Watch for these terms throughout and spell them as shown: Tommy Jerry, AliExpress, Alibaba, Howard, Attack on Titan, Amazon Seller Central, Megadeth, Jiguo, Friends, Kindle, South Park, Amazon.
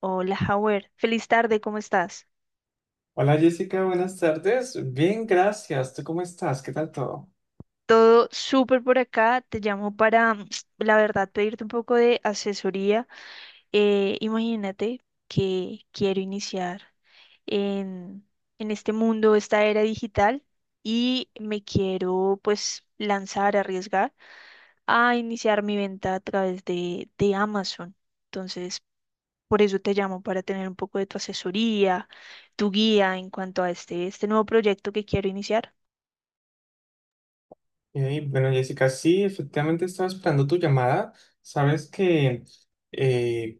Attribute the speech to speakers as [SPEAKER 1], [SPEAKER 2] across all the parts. [SPEAKER 1] Hola, Howard. Feliz tarde, ¿cómo estás?
[SPEAKER 2] Hola Jessica, buenas tardes. Bien, gracias. ¿Tú cómo estás? ¿Qué tal todo?
[SPEAKER 1] Todo súper por acá. Te llamo para, la verdad, pedirte un poco de asesoría. Imagínate que quiero iniciar en, en este mundo, esta era digital, y me quiero pues lanzar, arriesgar a iniciar mi venta a través de Amazon. Entonces, por eso te llamo, para tener un poco de tu asesoría, tu guía en cuanto a este nuevo proyecto que quiero iniciar.
[SPEAKER 2] Bueno, Jessica, sí, efectivamente estaba esperando tu llamada. Sabes que eh,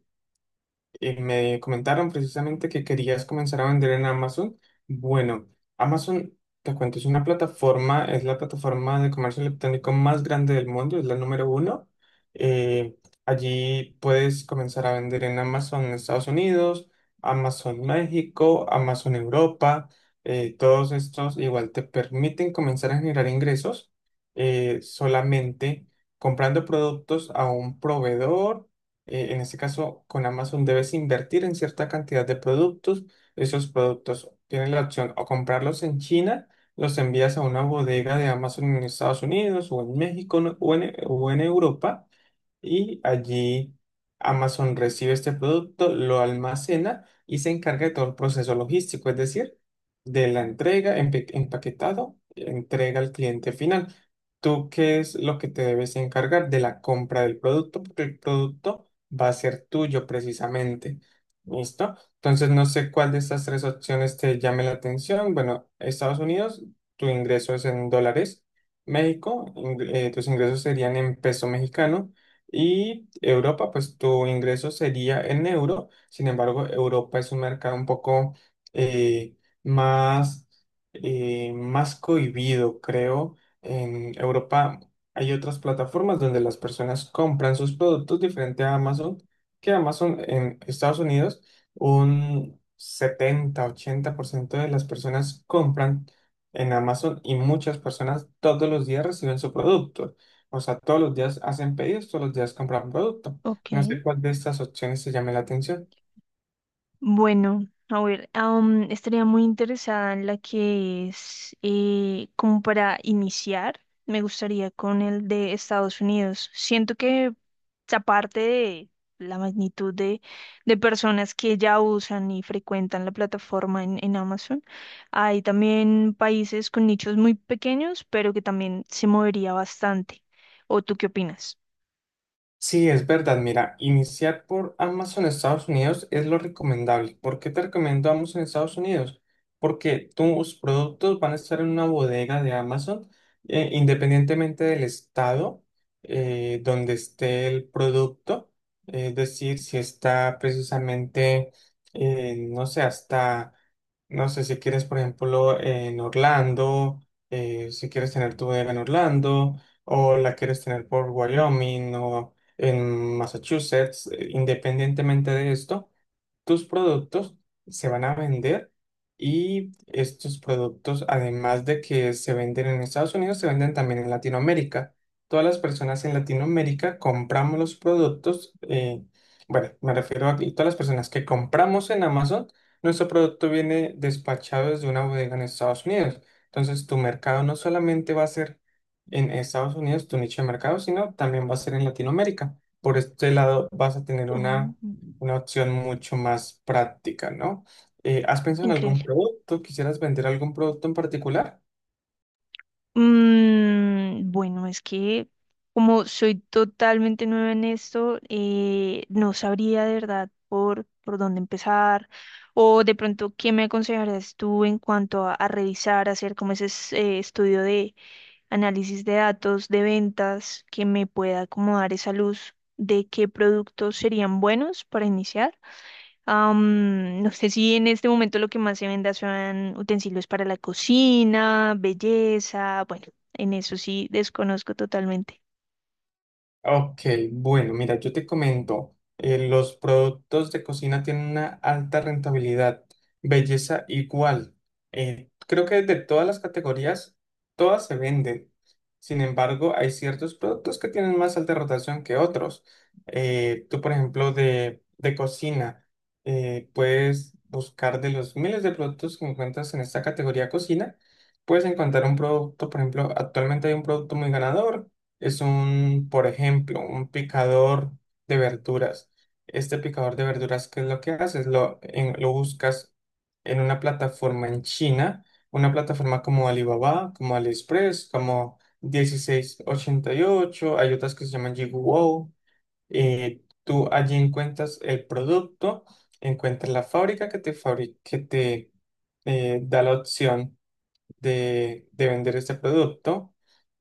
[SPEAKER 2] me comentaron precisamente que querías comenzar a vender en Amazon. Bueno, Amazon, te cuento, es una plataforma, es la plataforma de comercio electrónico más grande del mundo, es la número uno. Eh, Allí puedes comenzar a vender en Amazon Estados Unidos, Amazon México, Amazon Europa. Todos estos igual te permiten comenzar a generar ingresos solamente comprando productos a un proveedor en este caso, con Amazon debes invertir en cierta cantidad de productos. Esos productos tienes la opción o comprarlos en China, los envías a una bodega de Amazon en Estados Unidos o en México o en Europa. Y allí Amazon recibe este producto, lo almacena y se encarga de todo el proceso logístico, es decir, de la entrega, empaquetado, entrega al cliente final. ¿Tú qué es lo que te debes encargar de la compra del producto? Porque el producto va a ser tuyo precisamente. ¿Listo? Entonces no sé cuál de estas tres opciones te llame la atención. Bueno, Estados Unidos, tu ingreso es en dólares. México, tus ingresos serían en peso mexicano. Y Europa, pues tu ingreso sería en euro. Sin embargo, Europa es un mercado un poco eh, más, más cohibido, creo. En Europa hay otras plataformas donde las personas compran sus productos diferente a Amazon, que Amazon en Estados Unidos, un 70-80% de las personas compran en Amazon y muchas personas todos los días reciben su producto. O sea, todos los días hacen pedidos, todos los días compran producto. No sé
[SPEAKER 1] Ok.
[SPEAKER 2] cuál de estas opciones te llame la atención.
[SPEAKER 1] Bueno, a ver, estaría muy interesada en la que es como para iniciar, me gustaría con el de Estados Unidos. Siento que aparte de la magnitud de personas que ya usan y frecuentan la plataforma en Amazon, hay también países con nichos muy pequeños, pero que también se movería bastante. ¿O tú qué opinas?
[SPEAKER 2] Sí, es verdad. Mira, iniciar por Amazon Estados Unidos es lo recomendable. ¿Por qué te recomiendo Amazon Estados Unidos? Porque tus productos van a estar en una bodega de Amazon, independientemente del estado donde esté el producto. Es decir, si está precisamente, no sé, hasta, no sé, si quieres, por ejemplo, en Orlando, si quieres tener tu bodega en Orlando, o la quieres tener por Wyoming, o en Massachusetts, independientemente de esto tus productos se van a vender y estos productos, además de que se venden en Estados Unidos, se venden también en Latinoamérica. Todas las personas en Latinoamérica compramos los productos, bueno, me refiero a que todas las personas que compramos en Amazon, nuestro producto viene despachado desde una bodega en Estados Unidos. Entonces, tu mercado no solamente va a ser en Estados Unidos, tu nicho de mercado, sino también va a ser en Latinoamérica. Por este lado, vas a tener
[SPEAKER 1] Oh,
[SPEAKER 2] una opción mucho más práctica, ¿no? ¿Has pensado en algún
[SPEAKER 1] increíble.
[SPEAKER 2] producto? ¿Quisieras vender algún producto en particular?
[SPEAKER 1] Bueno, es que como soy totalmente nueva en esto, no sabría de verdad por dónde empezar o de pronto qué me aconsejarías tú en cuanto a revisar, hacer como estudio de, análisis de datos, de ventas, que me pueda acomodar esa luz de qué productos serían buenos para iniciar. No sé si en este momento lo que más se venda son utensilios para la cocina, belleza, bueno, en eso sí desconozco totalmente.
[SPEAKER 2] Ok, bueno, mira, yo te comento, los productos de cocina tienen una alta rentabilidad, belleza igual. Creo que de todas las categorías, todas se venden. Sin embargo, hay ciertos productos que tienen más alta rotación que otros. Tú, por ejemplo, de cocina, puedes buscar de los miles de productos que encuentras en esta categoría cocina, puedes encontrar un producto, por ejemplo, actualmente hay un producto muy ganador es un, por ejemplo, un picador de verduras. Este picador de verduras, ¿qué es lo que haces? Lo, lo buscas en una plataforma en China, una plataforma como Alibaba, como AliExpress, como 1688 hay otras que se llaman Jiguo. Tú allí encuentras el producto, encuentras la fábrica que te, que te da la opción de vender este producto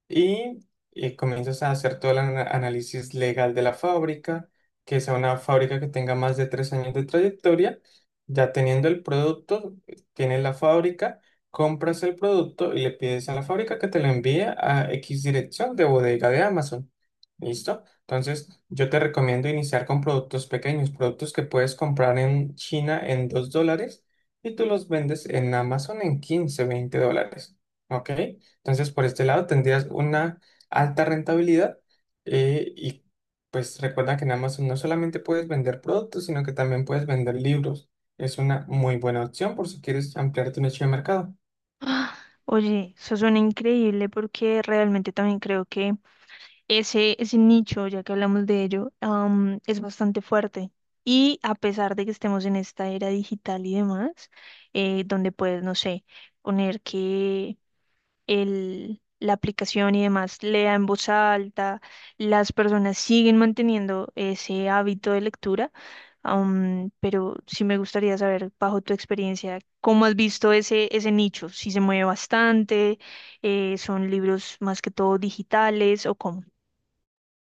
[SPEAKER 2] y comienzas a hacer todo el análisis legal de la fábrica, que sea una fábrica que tenga más de 3 años de trayectoria. Ya teniendo el producto, tienes la fábrica, compras el producto y le pides a la fábrica que te lo envíe a X dirección de bodega de Amazon. ¿Listo? Entonces, yo te recomiendo iniciar con productos pequeños, productos que puedes comprar en China en $2 y tú los vendes en Amazon en 15-20 dólares. ¿Ok? Entonces, por este lado tendrías una alta rentabilidad y pues recuerda que en Amazon no solamente puedes vender productos, sino que también puedes vender libros. Es una muy buena opción por si quieres ampliar tu nicho de mercado.
[SPEAKER 1] Ah, oye, eso suena increíble porque realmente también creo que ese nicho, ya que hablamos de ello, es bastante fuerte. Y a pesar de que estemos en esta era digital y demás, donde puedes, no sé, poner que la aplicación y demás lea en voz alta, las personas siguen manteniendo ese hábito de lectura, pero sí me gustaría saber, bajo tu experiencia, cómo has visto ese nicho, si se mueve bastante, son libros más que todo digitales o cómo.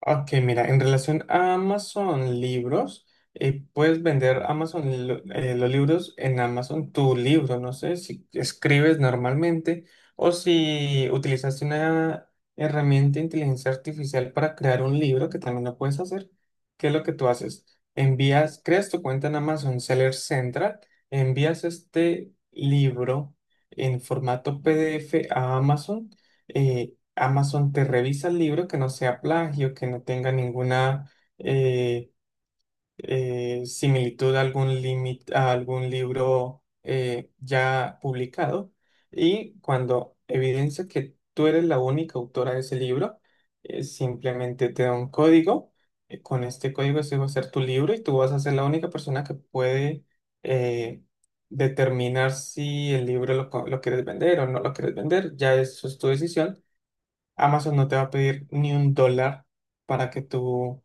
[SPEAKER 2] Ok, mira, en relación a Amazon Libros, puedes vender Amazon los libros en Amazon tu libro, no sé si escribes normalmente o si utilizaste una herramienta de inteligencia artificial para crear un libro, que también lo puedes hacer. ¿Qué es lo que tú haces? Envías, creas tu cuenta en Amazon Seller Central, envías este libro en formato PDF a Amazon. eh, Amazon te revisa el libro que no sea plagio, que no tenga ninguna eh, similitud a algún límite, a algún libro ya publicado. Y cuando evidencia que tú eres la única autora de ese libro, simplemente te da un código. Con este código ese va a ser tu libro y tú vas a ser la única persona que puede eh, determinar si el libro lo, lo quieres vender o no lo quieres vender. Ya eso es tu decisión. Amazon no te va a pedir ni un dólar para que tú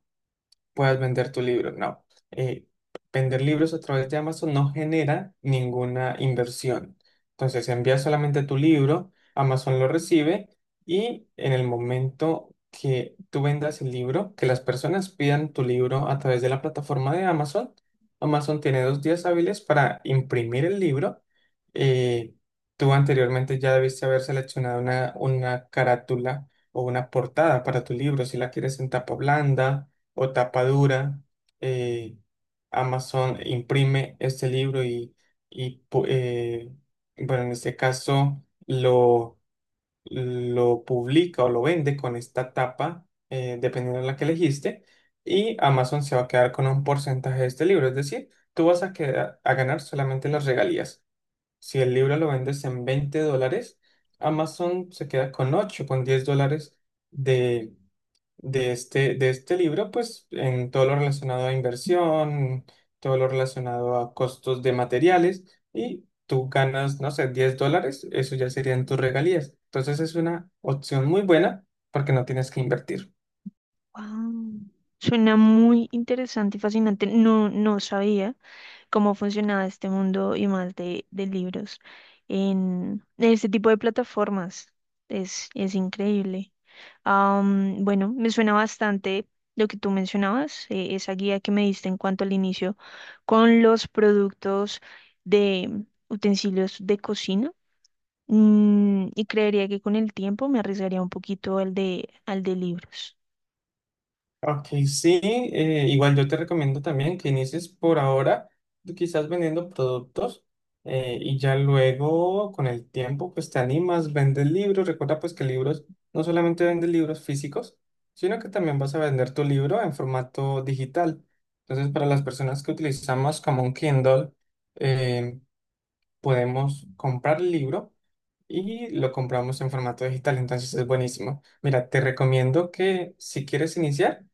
[SPEAKER 2] puedas vender tu libro. No, Eh, vender libros a través de Amazon no genera ninguna inversión. Entonces envías solamente tu libro, Amazon lo recibe y en el momento que tú vendas el libro, que las personas pidan tu libro a través de la plataforma de Amazon, Amazon tiene 2 días hábiles para imprimir el libro. Eh, Tú anteriormente ya debiste haber seleccionado una carátula o una portada para tu libro, si la quieres en tapa blanda o tapadura, eh, Amazon imprime este libro y, bueno, en este caso lo publica o lo vende con esta tapa, dependiendo de la que elegiste, y Amazon se va a quedar con un porcentaje de este libro, es decir, tú vas a, quedar, a ganar solamente las regalías. Si el libro lo vendes en $20, Amazon se queda con $8,10 de este libro, pues en todo lo relacionado a inversión, todo lo relacionado a costos de materiales y tú ganas, no sé, $10, eso ya serían tus regalías. Entonces es una opción muy buena porque no tienes que invertir.
[SPEAKER 1] Wow. Suena muy interesante y fascinante. No, no sabía cómo funcionaba este mundo y más de libros en este tipo de plataformas. Es increíble. Bueno, me suena bastante lo que tú mencionabas, esa guía que me diste en cuanto al inicio con los productos de utensilios de cocina. Y creería que con el tiempo me arriesgaría un poquito al al de libros.
[SPEAKER 2] Ok, sí, igual yo te recomiendo también que inicies por ahora, tú quizás vendiendo productos y ya luego con el tiempo pues te animas, vendes libros, recuerda pues que libros, no solamente vendes libros físicos, sino que también vas a vender tu libro en formato digital. Entonces para las personas que utilizamos como un Kindle, eh, podemos comprar el libro y lo compramos en formato digital, entonces es buenísimo. Mira, te recomiendo que si quieres iniciar,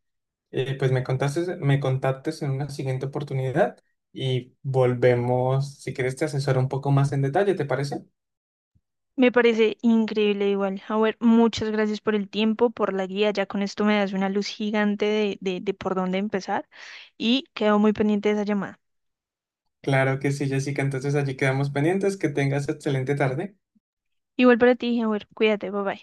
[SPEAKER 2] pues me contactes en una siguiente oportunidad y volvemos, si quieres te asesoro un poco más en detalle, ¿te parece?
[SPEAKER 1] Me parece increíble igual. A ver, muchas gracias por el tiempo, por la guía. Ya con esto me das una luz gigante de por dónde empezar y quedo muy pendiente de esa llamada.
[SPEAKER 2] Claro que sí, Jessica, entonces allí quedamos pendientes, que tengas excelente tarde.
[SPEAKER 1] Igual para ti, a ver, cuídate, bye bye.